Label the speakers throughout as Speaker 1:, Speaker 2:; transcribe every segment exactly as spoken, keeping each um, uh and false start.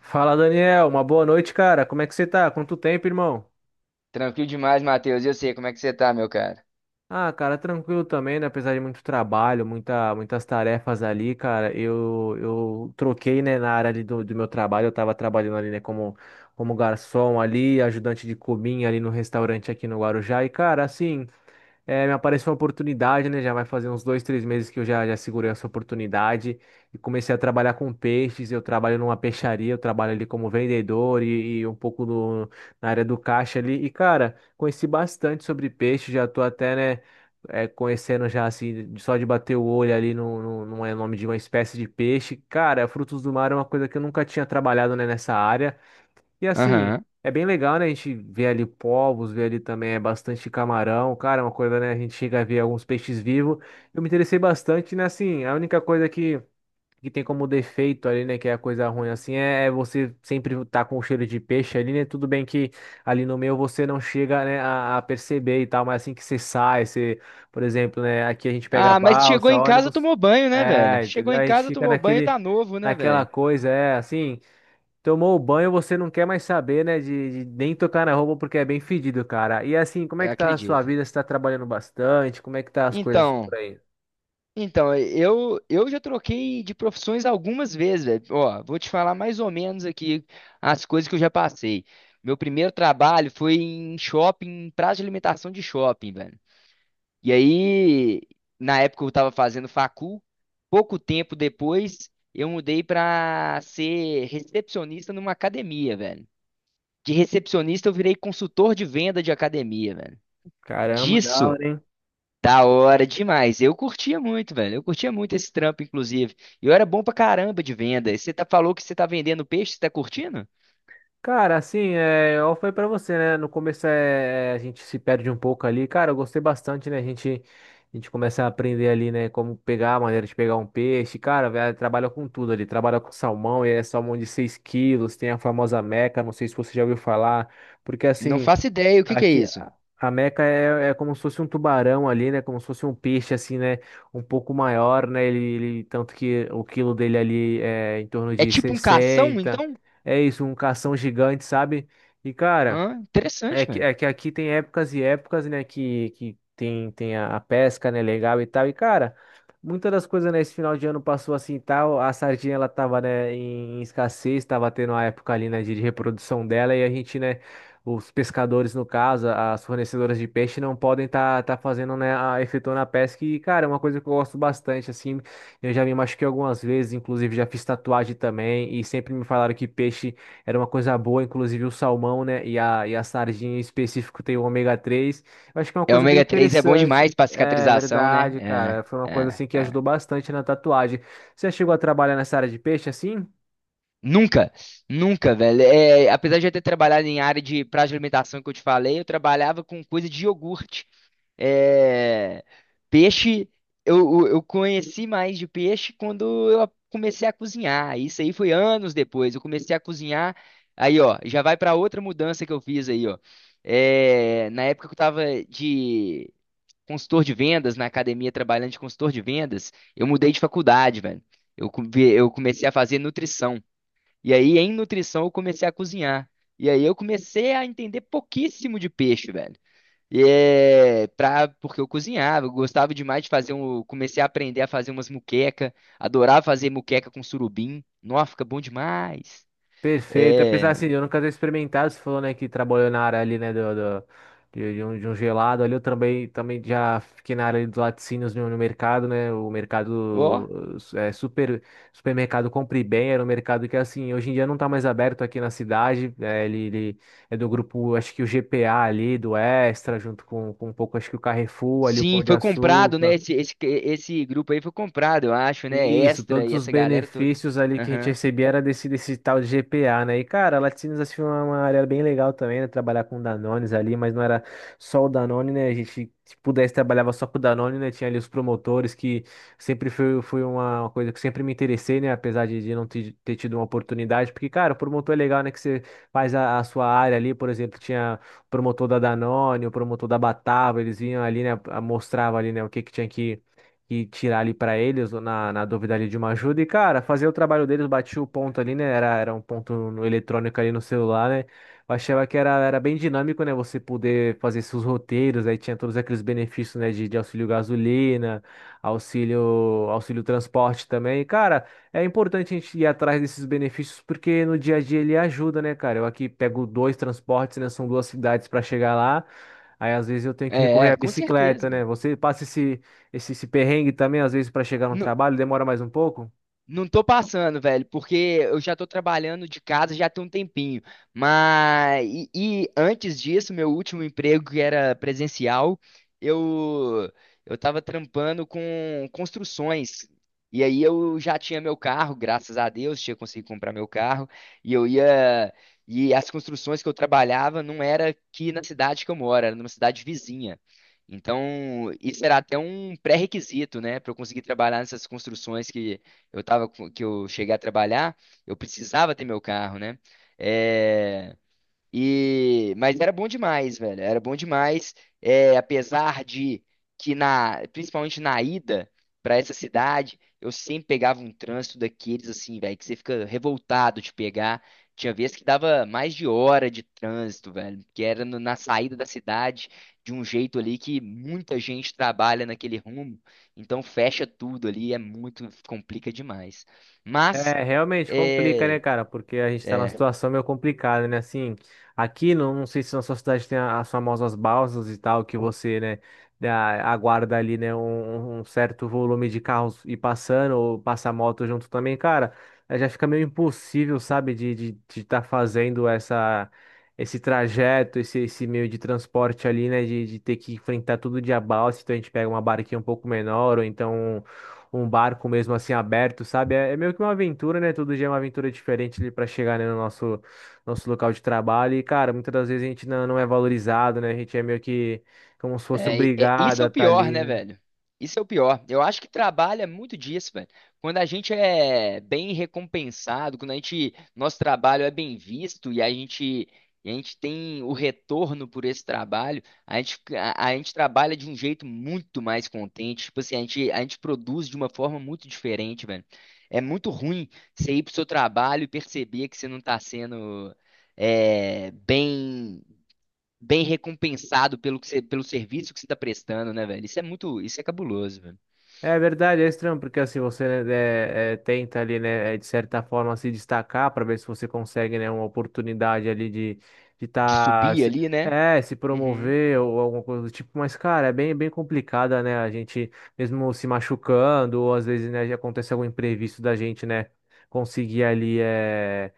Speaker 1: Fala, Daniel. Uma boa noite, cara. Como é que você tá? Quanto tempo, irmão?
Speaker 2: Tranquilo demais, Matheus. Eu sei como é que você tá, meu cara.
Speaker 1: Ah, cara, tranquilo também, né? Apesar de muito trabalho, muita, muitas tarefas ali, cara. Eu, eu troquei, né, na área ali do, do meu trabalho. Eu tava trabalhando ali, né, como, como garçom ali, ajudante de cozinha ali no restaurante aqui no Guarujá. E, cara, assim. É, me apareceu uma oportunidade, né? Já vai fazer uns dois, três meses que eu já, já segurei essa oportunidade e comecei a trabalhar com peixes. Eu trabalho numa peixaria, eu trabalho ali como vendedor e, e um pouco no, na área do caixa ali. E, cara, conheci bastante sobre peixe, já tô até, né, é, conhecendo já, assim, de- só de bater o olho ali no, no, no é, nome de uma espécie de peixe. Cara, frutos do mar é uma coisa que eu nunca tinha trabalhado, né, nessa área. E assim,
Speaker 2: Aham.
Speaker 1: é bem legal, né? A gente vê ali povos, vê ali também é bastante camarão, cara, é uma coisa, né? A gente chega a ver alguns peixes vivos. Eu me interessei bastante, né? Assim, a única coisa que, que tem como defeito ali, né? Que é a coisa ruim, assim, é, é você sempre tá com o cheiro de peixe ali, né? Tudo bem que ali no meio você não chega, né, a, a perceber e tal, mas assim que você sai, você, por exemplo, né? Aqui a gente pega
Speaker 2: Ah, mas chegou
Speaker 1: balsa,
Speaker 2: em casa,
Speaker 1: ônibus,
Speaker 2: tomou banho, né, velho?
Speaker 1: é,
Speaker 2: Chegou
Speaker 1: entendeu?
Speaker 2: em
Speaker 1: A gente
Speaker 2: casa,
Speaker 1: fica
Speaker 2: tomou banho,
Speaker 1: naquele,
Speaker 2: tá novo, né,
Speaker 1: naquela
Speaker 2: velho?
Speaker 1: coisa, é assim. Tomou o banho, você não quer mais saber, né? De, de nem tocar na roupa porque é bem fedido, cara. E assim, como é
Speaker 2: Eu
Speaker 1: que tá a sua
Speaker 2: acredito.
Speaker 1: vida? Você tá trabalhando bastante? Como é que tá as coisas por
Speaker 2: Então,
Speaker 1: aí?
Speaker 2: então, eu eu já troquei de profissões algumas vezes, velho. Ó, vou te falar mais ou menos aqui as coisas que eu já passei. Meu primeiro trabalho foi em shopping, praça de alimentação de shopping, velho. E aí, na época eu estava fazendo facul, pouco tempo depois eu mudei para ser recepcionista numa academia, velho. De recepcionista eu virei consultor de venda de academia, velho.
Speaker 1: Caramba, da
Speaker 2: Disso,
Speaker 1: hora, hein?
Speaker 2: da hora demais. Eu curtia muito, velho. Eu curtia muito esse trampo, inclusive. Eu era bom pra caramba de venda. E você tá, falou que você tá vendendo peixe, você tá curtindo?
Speaker 1: Cara, assim, é, eu falei pra você, né? No começo é, é, a gente se perde um pouco ali. Cara, eu gostei bastante, né? A gente, a gente começa a aprender ali, né? Como pegar, a maneira de pegar um peixe. Cara, velho, trabalha com tudo ali. Trabalha com salmão, e é salmão de seis quilos. Tem a famosa Meca, não sei se você já ouviu falar. Porque
Speaker 2: Não
Speaker 1: assim.
Speaker 2: faço ideia, o que que é
Speaker 1: Aqui,
Speaker 2: isso?
Speaker 1: a a Meca é, é como se fosse um tubarão ali, né? Como se fosse um peixe, assim, né? Um pouco maior, né? Ele, ele- tanto que o quilo dele ali é em torno
Speaker 2: É
Speaker 1: de
Speaker 2: tipo um cação,
Speaker 1: sessenta.
Speaker 2: então?
Speaker 1: É isso, um cação gigante, sabe? E, cara.
Speaker 2: Ah, interessante,
Speaker 1: É que,
Speaker 2: velho.
Speaker 1: é que aqui tem épocas e épocas, né? Que, que tem, tem a, a pesca, né? Legal e tal. E, cara, muitas das coisas, né? Esse final de ano passou assim e tal. A sardinha, ela tava, né? Em, em escassez, tava tendo a época ali, né? De, de reprodução dela. E a gente, né? Os pescadores, no caso, a- as fornecedoras de peixe, não podem tá, tá fazendo, né? A, efetuando a pesca. E, cara, é uma coisa que eu gosto bastante, assim. Eu já me machuquei algumas vezes, inclusive já fiz tatuagem também. E sempre me falaram que peixe era uma coisa boa, inclusive o salmão, né? E a, e a sardinha em específico tem o ômega três. Eu acho que é uma
Speaker 2: É,
Speaker 1: coisa bem
Speaker 2: ômega três é bom
Speaker 1: interessante.
Speaker 2: demais pra
Speaker 1: É
Speaker 2: cicatrização, né?
Speaker 1: verdade, cara. Foi uma
Speaker 2: É,
Speaker 1: coisa
Speaker 2: é,
Speaker 1: assim que
Speaker 2: é.
Speaker 1: ajudou bastante na tatuagem. Você chegou a trabalhar nessa área de peixe assim?
Speaker 2: Nunca, nunca, velho. É, apesar de eu ter trabalhado em área de prazo de alimentação que eu te falei, eu trabalhava com coisa de iogurte. É, peixe, eu, eu eu conheci mais de peixe quando eu comecei a cozinhar. Isso aí foi anos depois. Eu comecei a cozinhar. Aí, ó, já vai pra outra mudança que eu fiz aí, ó. É, na época que eu tava de consultor de vendas, na academia trabalhando de consultor de vendas, eu mudei de faculdade, velho. Eu, co- eu comecei a fazer nutrição. E aí, em nutrição, eu comecei a cozinhar. E aí, eu comecei a entender pouquíssimo de peixe, velho. E é pra, porque eu cozinhava, eu gostava demais de fazer um. Comecei a aprender a fazer umas muqueca, adorava fazer muqueca com surubim. Nossa, fica bom demais.
Speaker 1: Perfeito. Apesar
Speaker 2: É.
Speaker 1: assim, eu nunca ter experimentado, você falou, né, que trabalhou na área ali, né, do, do- de, de um, de um gelado ali, eu também, também já fiquei na área ali dos laticínios no, no mercado, né, o
Speaker 2: Ó.
Speaker 1: mercado, eh, é, super, supermercado Compre Bem, era um mercado que, assim, hoje em dia não tá mais aberto aqui na cidade, né, ele, ele é do grupo, acho que o G P A ali, do Extra, junto com, com um pouco, acho que o Carrefour ali, o Pão
Speaker 2: Sim,
Speaker 1: de
Speaker 2: foi comprado, né?
Speaker 1: Açúcar,
Speaker 2: Esse, esse, esse grupo aí foi comprado, eu acho, né?
Speaker 1: isso,
Speaker 2: Extra
Speaker 1: todos
Speaker 2: e
Speaker 1: os
Speaker 2: essa galera toda.
Speaker 1: benefícios ali que a gente
Speaker 2: Aham.
Speaker 1: recebia era desse, desse tal de G P A, né? E, cara, Laticínios assim, foi uma uma área bem legal também, né? Trabalhar com Danones ali, mas não era só o Danone, né? A gente, se pudesse, trabalhava só com o Danone, né? Tinha ali os promotores, que sempre foi, foi uma uma coisa que sempre me interessei, né? Apesar de, de não ter, ter tido uma oportunidade, porque, cara, o promotor é legal, né? Que você faz a, a sua área ali, por exemplo, tinha o promotor da Danone, o promotor da Batava, eles vinham ali, né? Mostrava ali, né? O que que tinha que e tirar ali pra eles na, na dúvida ali de uma ajuda. E, cara, fazer o trabalho deles, bati o ponto ali, né? Era, era um ponto no eletrônico ali no celular, né? Eu achava que era, era bem dinâmico, né? Você poder fazer seus roteiros, aí tinha todos aqueles benefícios, né? De, de auxílio gasolina, auxílio, auxílio transporte também. E, cara, é importante a gente ir atrás desses benefícios porque no dia a dia ele ajuda, né, cara? Eu aqui pego dois transportes, né? São duas cidades para chegar lá. Aí às vezes eu tenho que recorrer
Speaker 2: É,
Speaker 1: à
Speaker 2: com
Speaker 1: bicicleta,
Speaker 2: certeza,
Speaker 1: né?
Speaker 2: velho.
Speaker 1: Você passa esse, esse, esse perrengue também, às vezes, para chegar no trabalho, demora mais um pouco?
Speaker 2: Não tô passando, velho, porque eu já tô trabalhando de casa já tem um tempinho. Mas e, e antes disso, meu último emprego que era presencial, eu eu tava trampando com construções. E aí eu já tinha meu carro, graças a Deus, tinha conseguido comprar meu carro, e eu ia e as construções que eu trabalhava não era aqui na cidade que eu moro, era numa cidade vizinha. Então, isso era até um pré-requisito, né, para eu conseguir trabalhar nessas construções que eu tava com- que eu cheguei a trabalhar, eu precisava ter meu carro, né? É, e, mas era bom demais, velho. Era bom demais, é, apesar de que na, principalmente na ida pra essa cidade, eu sempre pegava um trânsito daqueles assim, velho, que você fica revoltado de pegar. Tinha vezes que dava mais de hora de trânsito, velho, que era no- na saída da cidade, de um jeito ali que muita gente trabalha naquele rumo, então fecha tudo ali, é muito, complica demais. Mas
Speaker 1: É, realmente complica, né,
Speaker 2: é,
Speaker 1: cara? Porque a gente tá numa
Speaker 2: é,
Speaker 1: situação meio complicada, né? Assim, aqui, não, não sei se na sua cidade tem a- as famosas balsas e tal, que você, né, dá- aguarda ali, né, um, um certo volume de carros ir passando, ou passar moto junto também, cara. eh, Já fica meio impossível, sabe, de de, estar fazendo essa, esse trajeto, esse, esse meio de transporte ali, né, de, de ter que enfrentar todo dia balsa, então a gente pega uma barquinha um pouco menor, ou então um barco mesmo assim aberto, sabe? É, é meio que uma aventura, né? Todo dia é uma aventura diferente ali para chegar, né, no nosso, nosso local de trabalho. E, cara, muitas das vezes a gente não, não é valorizado, né? A gente é meio que como se fosse
Speaker 2: É, é-
Speaker 1: obrigado
Speaker 2: isso
Speaker 1: a
Speaker 2: é o
Speaker 1: estar
Speaker 2: pior, né,
Speaker 1: ali.
Speaker 2: velho? Isso é o pior. Eu acho que trabalha muito disso, velho. Quando a gente é bem recompensado, quando a gente, nosso trabalho é bem visto e a gente, e a gente tem o retorno por esse trabalho, a gente, a, a gente trabalha de um jeito muito mais contente. Tipo assim, a gente, a gente produz de uma forma muito diferente, velho. É muito ruim você ir pro seu trabalho e perceber que você não tá sendo é, bem bem recompensado pelo que você, pelo serviço que você tá prestando, né, velho? Isso é muito, isso é cabuloso, velho.
Speaker 1: É verdade, é estranho, porque assim você né, é, é, tenta ali, né, é, de certa forma se destacar para ver se você consegue, né, uma oportunidade ali de de
Speaker 2: De
Speaker 1: tá,
Speaker 2: subir
Speaker 1: se,
Speaker 2: ali, né?
Speaker 1: é, se
Speaker 2: Uhum,
Speaker 1: promover ou alguma coisa do tipo, mas cara, é bem bem complicada, né? A gente mesmo se machucando, ou às vezes, né, já acontece algum imprevisto da gente, né, conseguir ali é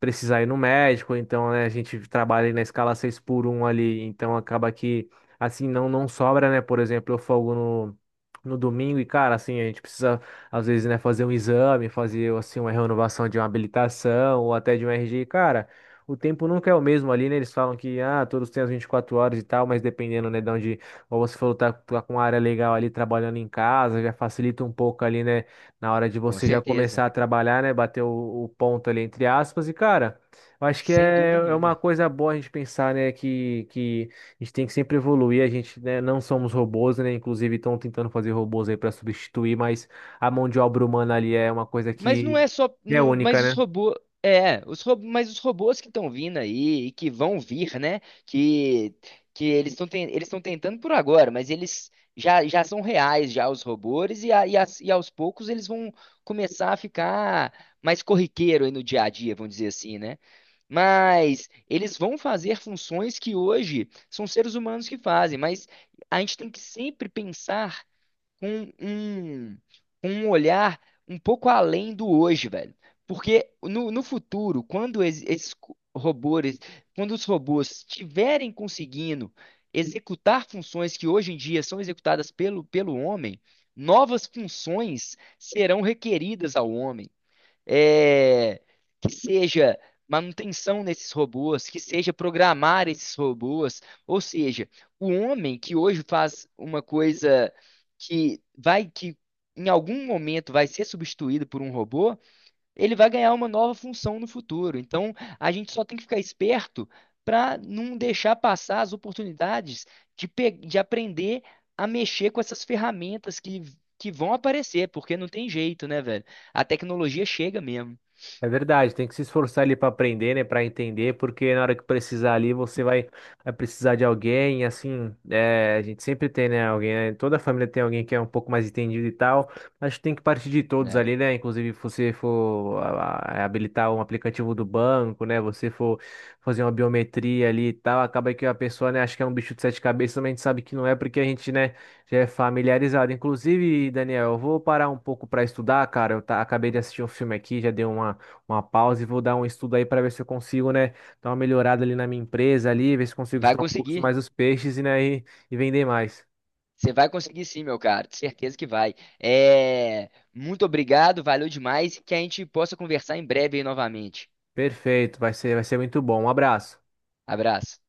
Speaker 1: precisar ir no médico, então, né, a gente trabalha ali na escala seis por um ali, então acaba que assim não não sobra, né? Por exemplo, eu folgo no no domingo e, cara, assim, a gente precisa, às vezes, né, fazer um exame, fazer, assim, uma renovação de uma habilitação ou até de um R G. Cara, o tempo nunca é o mesmo ali, né? Eles falam que, ah, todos têm as vinte e quatro horas e tal, mas dependendo, né, de onde, como você falou, tá, tá com uma área legal ali trabalhando em casa, já facilita um pouco ali, né, na hora de
Speaker 2: com
Speaker 1: você já
Speaker 2: certeza.
Speaker 1: começar a trabalhar, né, bater o, o ponto ali, entre aspas, e, cara. Eu acho que
Speaker 2: Sem
Speaker 1: é,
Speaker 2: dúvida
Speaker 1: é uma
Speaker 2: nenhuma.
Speaker 1: coisa boa a gente pensar, né, que, que a gente tem que sempre evoluir, a gente, né, não somos robôs, né? Inclusive estão tentando fazer robôs aí para substituir, mas a mão de obra humana ali é uma coisa
Speaker 2: Mas não
Speaker 1: que
Speaker 2: é só,
Speaker 1: que é
Speaker 2: não-
Speaker 1: única,
Speaker 2: mas os
Speaker 1: né?
Speaker 2: robôs, é, os robôs, mas os robôs que estão vindo aí e que vão vir, né? Que que eles estão eles estão tentando por agora, mas eles já, já são reais já os robôs e, a- e, as- e aos poucos eles vão começar a ficar mais corriqueiro aí no dia a dia, vamos dizer assim, né? Mas eles vão fazer funções que hoje são seres humanos que fazem, mas a gente tem que sempre pensar com um, com um olhar um pouco além do hoje, velho. Porque no, no futuro, quando es- esses co- robôs, quando os robôs estiverem conseguindo executar funções que hoje em dia são executadas pelo, pelo homem, novas funções serão requeridas ao homem é, que seja manutenção desses robôs, que seja programar esses robôs, ou seja, o homem que hoje faz uma coisa que vai que em algum momento vai ser substituído por um robô ele vai ganhar uma nova função no futuro. Então, a gente só tem que ficar esperto para não deixar passar as oportunidades de, pe- de aprender a mexer com essas ferramentas que, que vão aparecer, porque não tem jeito, né, velho? A tecnologia chega mesmo,
Speaker 1: É verdade, tem que se esforçar ali para aprender, né, para entender, porque na hora que precisar ali você vai, vai precisar de alguém, assim, é, a gente sempre tem, né, alguém, né, toda família tem alguém que é um pouco mais entendido e tal, acho que tem que partir de todos
Speaker 2: né?
Speaker 1: ali, né, inclusive se você for ah, habilitar um aplicativo do banco, né, você for fazer uma biometria ali e tal, acaba que a pessoa, né, acha que é um bicho de sete cabeças, mas a gente sabe que não é, porque a gente, né, já é familiarizado. Inclusive, Daniel, eu vou parar um pouco para estudar, cara, eu tá- acabei de assistir um filme aqui, já deu uma uma pausa e vou dar um estudo aí para ver se eu consigo, né, dar uma melhorada ali na minha empresa ali, ver se consigo
Speaker 2: Vai
Speaker 1: estudar um pouco
Speaker 2: conseguir.
Speaker 1: mais os peixes e, né, e, e vender mais.
Speaker 2: Você vai conseguir sim, meu cara, de certeza que vai. É, muito obrigado, valeu demais e que a gente possa conversar em breve aí novamente.
Speaker 1: Perfeito, vai ser, vai ser muito bom. Um abraço.
Speaker 2: Abraço.